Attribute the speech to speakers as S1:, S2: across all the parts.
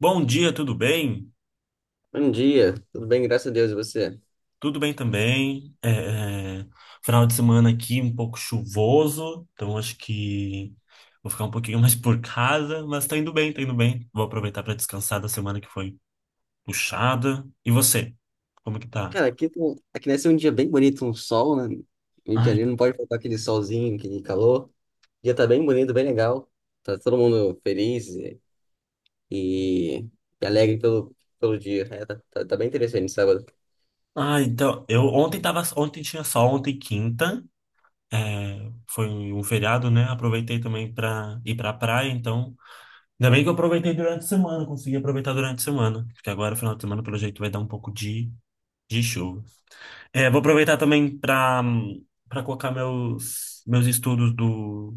S1: Bom dia, tudo bem?
S2: Bom dia, tudo bem? Graças a Deus, e você?
S1: Tudo bem também. Final de semana aqui um pouco chuvoso, então acho que vou ficar um pouquinho mais por casa, mas tá indo bem, tá indo bem. Vou aproveitar para descansar da semana que foi puxada. E você? Como que tá?
S2: Cara, aqui, aqui deve ser um dia bem bonito, um sol, né? Rio de
S1: Ai,
S2: Janeiro não pode faltar aquele solzinho, aquele calor. O dia tá bem bonito, bem legal. Tá todo mundo feliz e alegre pelo dia. É, tá bem interessante sábado.
S1: ai, então, eu ontem tava, ontem tinha sol, ontem quinta, é, foi um feriado, né? Aproveitei também para ir pra praia, então ainda bem que eu aproveitei durante a semana, consegui aproveitar durante a semana, porque agora, final de semana, pelo jeito, vai dar um pouco de show. É, vou aproveitar também para colocar meus estudos do,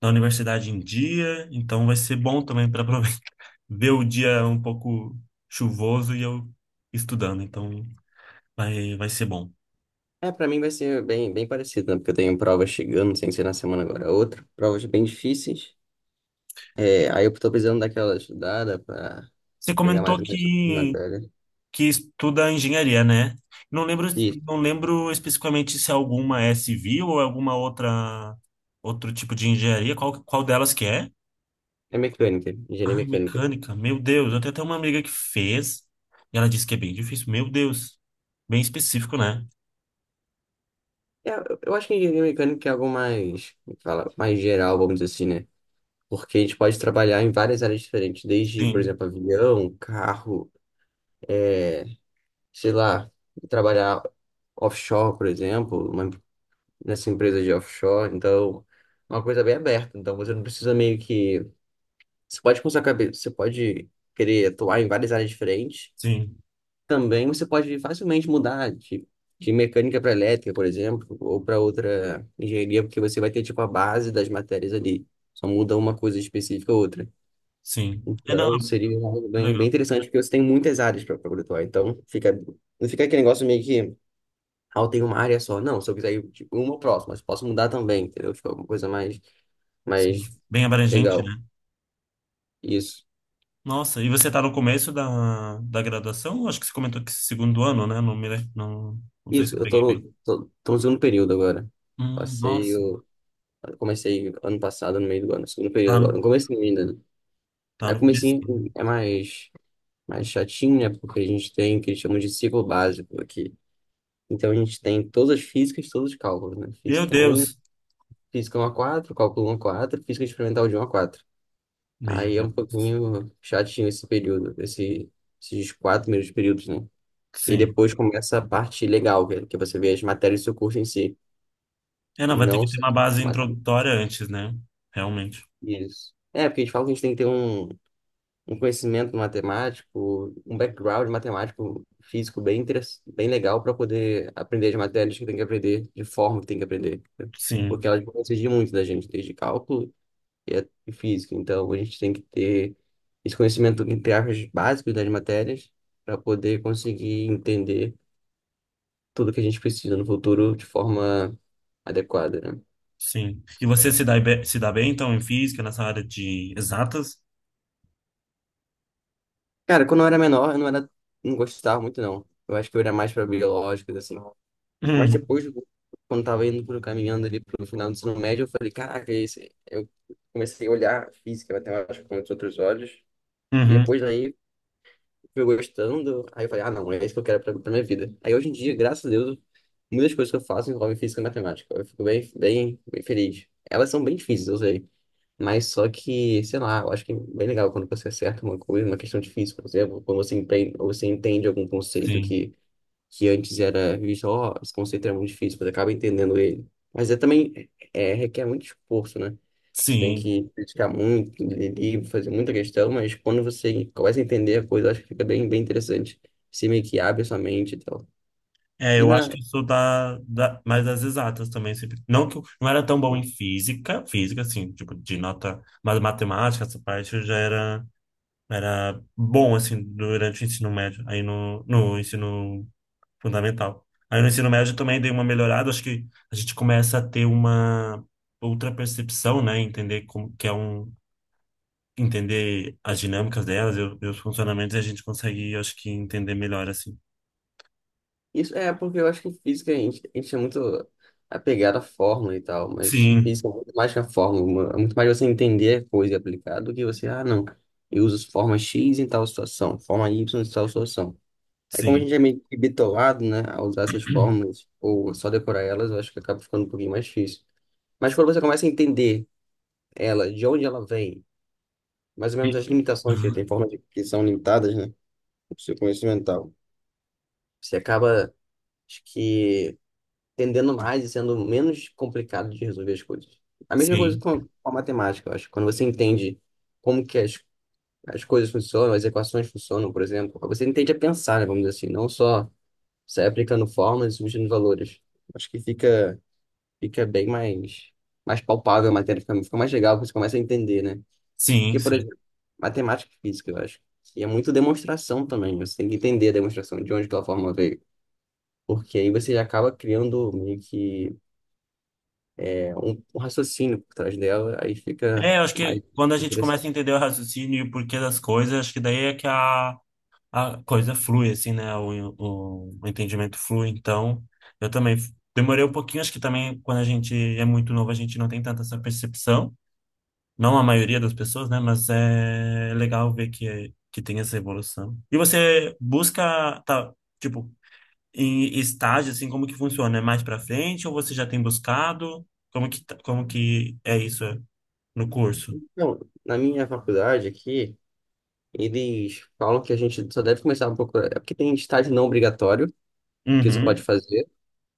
S1: da universidade em dia, então vai ser bom também para aproveitar ver o dia um pouco chuvoso e eu estudando, então vai ser bom.
S2: É, pra mim vai ser bem, bem parecido, né? Porque eu tenho provas chegando, sem ser na semana agora é outra. Provas bem difíceis. É, aí eu tô precisando daquela estudada pra
S1: Você
S2: pegar mais
S1: comentou
S2: uma
S1: que
S2: matéria.
S1: que estuda engenharia, né? Não lembro
S2: Isso,
S1: não lembro especificamente se é alguma é civil ou é alguma outra outro tipo de engenharia, qual delas que é?
S2: é mecânica, engenharia
S1: Ah,
S2: mecânica.
S1: mecânica, meu Deus. Eu tenho até uma amiga que fez e ela disse que é bem difícil. Meu Deus. Bem específico, né?
S2: É, eu acho que engenharia mecânica é algo mais, como fala, mais geral, vamos dizer assim, né? Porque a gente pode trabalhar em várias áreas diferentes, desde, por
S1: Sim,
S2: exemplo, avião, carro, sei lá, trabalhar offshore, por exemplo, nessa empresa de offshore. Então, é uma coisa bem aberta. Então, você não precisa meio que. Você pode com sua cabeça, você pode querer atuar em várias áreas diferentes
S1: sim,
S2: também você pode facilmente mudar de, mecânica para elétrica, por exemplo, ou para outra engenharia, porque você vai ter tipo a base das matérias ali. Só muda uma coisa específica ou outra.
S1: sim. É, não,
S2: Então, seria algo
S1: que
S2: bem, bem
S1: legal.
S2: interessante, porque você tem muitas áreas para poder atuar. Então, não fica aquele negócio meio que, ah, eu tenho uma área só. Não, se eu quiser ir tipo, uma ou próxima, mas posso mudar também, entendeu? Fica alguma coisa mais,
S1: Sim.
S2: mais
S1: Bem abrangente,
S2: legal.
S1: né?
S2: Isso.
S1: Nossa, e você tá no começo da graduação? Acho que você comentou que segundo ano, né? Não, não, não sei se
S2: Isso,
S1: eu
S2: eu tô
S1: peguei bem.
S2: no, tô, tô no segundo período agora. Passei
S1: Nossa,
S2: Eu comecei ano passado, no meio do ano, segundo período
S1: tá,
S2: agora. Não comecei ainda, né?
S1: tá
S2: Aí
S1: no começo.
S2: comecei é mais chatinho, né? Porque a gente tem o que eles chamam de ciclo básico aqui. Então a gente tem todas as físicas, todos os cálculos, né?
S1: Meu Deus.
S2: Física 1 a 4, cálculo 1 a 4, física experimental de 1 a 4.
S1: Meu
S2: Aí é um
S1: Deus.
S2: pouquinho chatinho esse período, esses quatro primeiros períodos, né? E
S1: Sim.
S2: depois começa a parte legal, que é que você vê as matérias do seu curso em si,
S1: É, não, vai ter
S2: não
S1: que ter
S2: só
S1: uma base
S2: a matéria.
S1: introdutória antes, né? Realmente.
S2: Isso. É, porque eles falam que a gente tem que ter um conhecimento matemático, um background matemático, físico bem legal para poder aprender as matérias que tem que aprender, de forma que tem que aprender, né? Porque
S1: Sim.
S2: elas vão exigir muito da gente, desde cálculo e e física. Então, a gente tem que ter esse conhecimento, entre aspas, básico das matérias para poder conseguir entender tudo que a gente precisa no futuro de forma adequada, né?
S1: Sim. E você se dá, se dá bem, então, em física, nessa área de exatas?
S2: Cara, quando eu era menor, eu não era, não gostava muito, não. Eu acho que eu era mais para biológicas, assim. Mas
S1: Uhum.
S2: depois, quando tava indo pro caminhando ali pro final do ensino médio, eu falei, caraca, eu comecei a olhar física, matemática com outros olhos. E
S1: Uhum.
S2: depois aí fui gostando. Aí eu falei, ah, não, é isso que eu quero pra minha vida. Aí hoje em dia, graças a Deus, muitas coisas que eu faço envolvem física e matemática. Eu fico bem, bem, bem feliz. Elas são bem difíceis, eu sei. Mas só que, sei lá, eu acho que é bem legal quando você acerta uma coisa, uma questão difícil, por exemplo, quando ou você entende algum conceito
S1: Sim.
S2: que antes era visto, ó, esse conceito é muito difícil, você acaba entendendo ele. Mas é também, requer muito esforço, né? Você tem
S1: Sim.
S2: que criticar muito, ler livro, fazer muita questão, mas quando você começa a entender a coisa, eu acho que fica bem, bem interessante. Você meio que abre a sua mente e tal.
S1: É,
S2: E
S1: eu acho
S2: na,
S1: que eu sou da mais das exatas também, sempre. Não que eu não era tão bom em física, assim, tipo, de nota, mas matemática, essa parte eu já era, era bom, assim, durante o ensino médio, aí no ensino fundamental. Aí no ensino médio também dei uma melhorada, acho que a gente começa a ter uma outra percepção, né? Entender como que é um entender as dinâmicas delas e e os funcionamentos, e a gente consegue, acho que, entender melhor, assim.
S2: isso é porque eu acho que física a gente é muito apegado à fórmula e tal, mas
S1: Sim,
S2: física é muito mais que a fórmula, é muito mais você entender a coisa e aplicar do que você, ah, não, eu uso forma X em tal situação, forma Y em tal situação. É como a
S1: sim.
S2: gente é meio que bitolado, né, a usar essas fórmulas ou só decorar elas, eu acho que acaba ficando um pouquinho mais difícil. Mas quando você começa a entender ela, de onde ela vem, mais ou menos as
S1: E-
S2: limitações que tem
S1: Aham,
S2: que são limitadas, né, do seu conhecimento mental, você acaba, acho que, entendendo mais e sendo menos complicado de resolver as coisas. A mesma coisa
S1: sim,
S2: com a matemática, eu acho. Quando você entende como que as coisas funcionam, as equações funcionam, por exemplo, você entende a pensar, né, vamos dizer assim, não só você aplicando fórmulas e substituindo valores. Acho que fica bem mais palpável a matéria, fica mais legal, porque você começa a entender, né?
S1: sim,
S2: Porque, por
S1: sim.
S2: exemplo, matemática e física, eu acho. E é muito demonstração também, você tem que entender a demonstração, de onde aquela fórmula veio. Porque aí você já acaba criando meio que um raciocínio por trás dela, aí fica
S1: É, eu acho
S2: mais
S1: que quando a gente começa a
S2: interessante.
S1: entender o raciocínio e o porquê das coisas, acho que daí é que a coisa flui, assim, né? O entendimento flui. Então, eu também demorei um pouquinho, acho que também quando a gente é muito novo, a gente não tem tanta essa percepção. Não a maioria das pessoas, né? Mas é legal ver que tem essa evolução. E você busca, tá, tipo, em estágio, assim, como que funciona? É mais pra frente ou você já tem buscado? Como que, como que é isso é, no curso?
S2: Então, na minha faculdade aqui, eles falam que a gente só deve começar um pouco. É porque tem estágio não obrigatório, que você pode
S1: Uhum,
S2: fazer.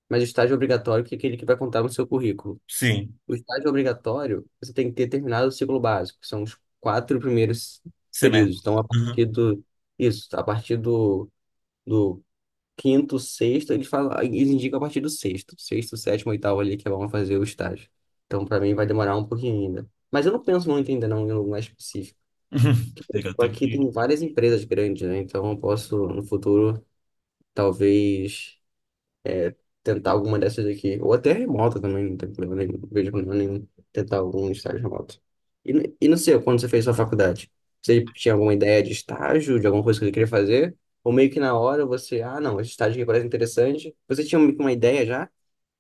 S2: Mas o estágio obrigatório, que é aquele que vai contar no seu currículo.
S1: sim,
S2: O estágio obrigatório, você tem que ter terminado o ciclo básico, que são os quatro primeiros
S1: semestre.
S2: períodos. Então, a partir
S1: Uhum.
S2: do, isso, a partir do, do quinto, sexto, eles falam, eles indicam a partir do sexto, sétimo, oitavo ali que vão fazer o estágio. Então, para mim, vai demorar um pouquinho ainda. Mas eu não penso muito ainda não, em lugar específico.
S1: Legal, tem
S2: Aqui
S1: que...
S2: tem várias empresas grandes, né? Então, eu posso, no futuro, talvez tentar alguma dessas aqui, ou até remota também, não tem problema nenhum, não vejo problema nenhum tentar algum estágio remoto. E, não sei, quando você fez sua faculdade, você tinha alguma ideia de estágio, de alguma coisa que você queria fazer? Ou meio que na hora você, ah, não, esse estágio aqui parece interessante. Você tinha meio que uma ideia já?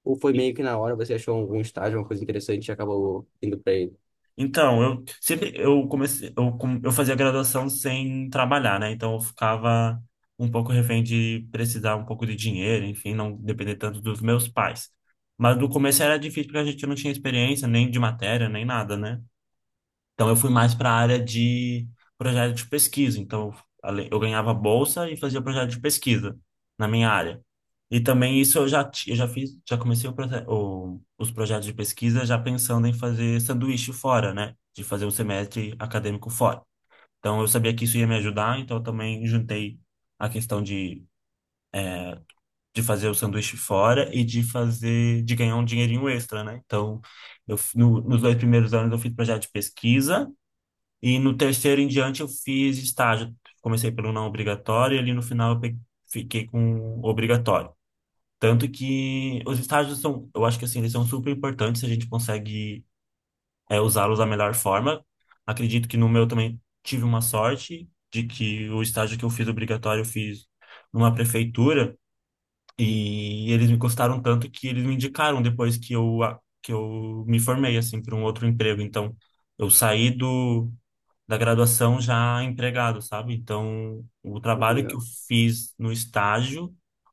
S2: Ou foi meio que na hora você achou algum estágio, uma coisa interessante e acabou indo pra ele?
S1: Então, eu fazia graduação sem trabalhar, né? Então eu ficava um pouco refém de precisar um pouco de dinheiro, enfim, não depender tanto dos meus pais. Mas no começo era difícil porque a gente não tinha experiência nem de matéria, nem nada, né? Então eu fui mais para a área de projeto de pesquisa. Então eu ganhava bolsa e fazia projeto de pesquisa na minha área. E também isso eu já eu já fiz, já comecei os projetos de pesquisa já pensando em fazer sanduíche fora, né? De fazer um semestre acadêmico fora. Então eu sabia que isso ia me ajudar, então eu também juntei a questão de fazer o sanduíche fora e de fazer de ganhar um dinheirinho extra, né? Então eu nos dois primeiros anos eu fiz projeto de pesquisa e no terceiro em diante eu fiz estágio. Comecei pelo não obrigatório e ali no final eu fiquei com o obrigatório. Tanto que os estágios são, eu acho que assim, eles são super importantes, a gente consegue é, usá-los da melhor forma. Acredito que no meu também tive uma sorte de que o estágio que eu fiz obrigatório eu fiz numa prefeitura e eles me gostaram tanto que eles me indicaram depois que que eu me formei assim para um outro emprego. Então, eu saí do da graduação já empregado, sabe? Então, o
S2: Que
S1: trabalho que eu
S2: legal.
S1: fiz no estágio, o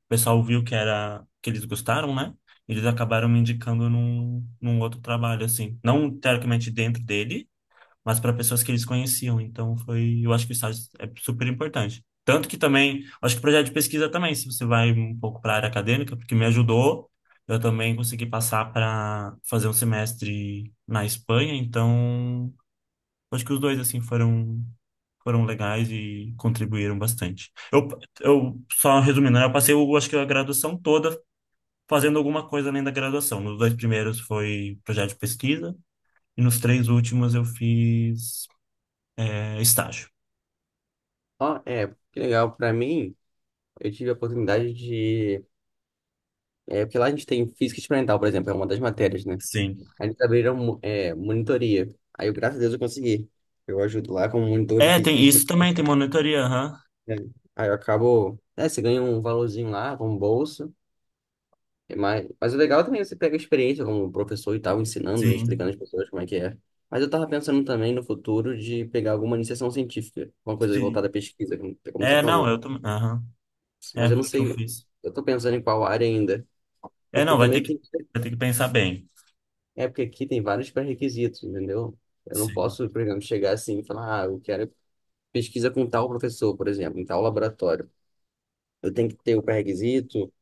S1: pessoal viu que era que eles gostaram, né? Eles acabaram me indicando num outro trabalho, assim. Não teoricamente dentro dele, mas para pessoas que eles conheciam. Então, foi, eu acho que o estágio é super importante. Tanto que também, acho que o projeto de pesquisa também, se você vai um pouco para a área acadêmica, porque me ajudou, eu também consegui passar para fazer um semestre na Espanha, então acho que os dois, assim, foram, foram legais e contribuíram bastante. Eu só resumindo, né, eu passei, eu acho que a graduação toda fazendo alguma coisa além da graduação. Nos dois primeiros foi projeto de pesquisa e nos três últimos eu fiz, é, estágio.
S2: Ó, é, que legal. Pra mim, eu tive a oportunidade de. É, porque lá a gente tem física experimental, por exemplo, é uma das matérias, né?
S1: Sim.
S2: Aí eles abriram monitoria. Aí eu, graças a Deus, eu consegui. Eu ajudo lá como monitor de
S1: É, tem
S2: física. De
S1: isso também, tem monitoria, aham.
S2: Aí eu acabo. É, você ganha um valorzinho lá, como bolsa. Mas o legal também é também você pega a experiência como professor e tal, ensinando, né,
S1: Sim.
S2: explicando às pessoas como é que é. Mas eu tava pensando também no futuro de pegar alguma iniciação científica, uma coisa
S1: Sim.
S2: voltada à pesquisa, como você
S1: É, não,
S2: falou.
S1: eu também, aham.
S2: Mas
S1: É,
S2: eu não
S1: foi o que eu
S2: sei,
S1: fiz.
S2: eu tô pensando em qual área ainda.
S1: É,
S2: Porque
S1: não,
S2: também tem.
S1: vai ter que pensar bem.
S2: É porque aqui tem vários pré-requisitos, entendeu? Eu não
S1: Sim.
S2: posso, por exemplo, chegar assim e falar, ah, eu quero pesquisa com tal professor, por exemplo, em tal laboratório. Eu tenho que ter o pré-requisito.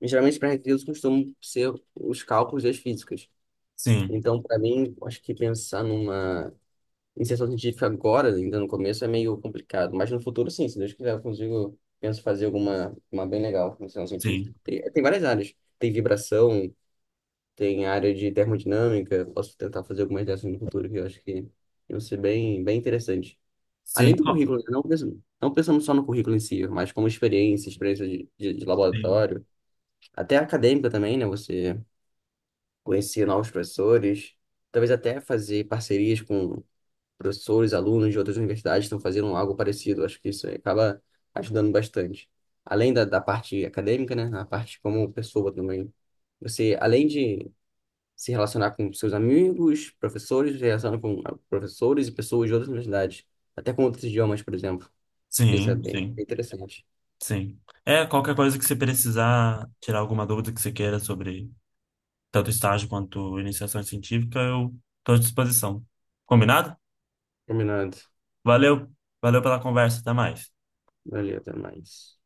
S2: E, geralmente, os pré-requisitos costumam ser os cálculos das físicas.
S1: Sim.
S2: Então, para mim, eu acho que pensar numa iniciação científica agora, ainda no começo, é meio complicado. Mas no futuro, sim, se Deus quiser, eu consigo, penso fazer alguma uma bem legal, iniciação científica.
S1: Sim.
S2: Tem várias áreas. Tem vibração, tem área de termodinâmica. Posso tentar fazer algumas dessas no futuro, que eu acho que vão ser bem, bem interessantes.
S1: Sim.
S2: Além do
S1: Qual-
S2: currículo, né, não pensando só no currículo em si, mas como experiência, de
S1: Sim.
S2: laboratório, até acadêmica também, né? Você conhecer novos professores, talvez até fazer parcerias com professores, alunos de outras universidades que estão fazendo algo parecido. Acho que isso acaba ajudando bastante. Além da parte acadêmica, né? A parte como pessoa também. Você, além de se relacionar com seus amigos, professores, se relacionar com professores e pessoas de outras universidades, até com outros idiomas, por exemplo. Acho que isso é
S1: Sim.
S2: bem bem
S1: Sim.
S2: interessante.
S1: Sim. É, qualquer coisa que você precisar tirar alguma dúvida que você queira sobre tanto estágio quanto iniciação científica, eu estou à disposição. Combinado?
S2: Combinado.
S1: Valeu, valeu pela conversa, até mais.
S2: Valeu, até mais.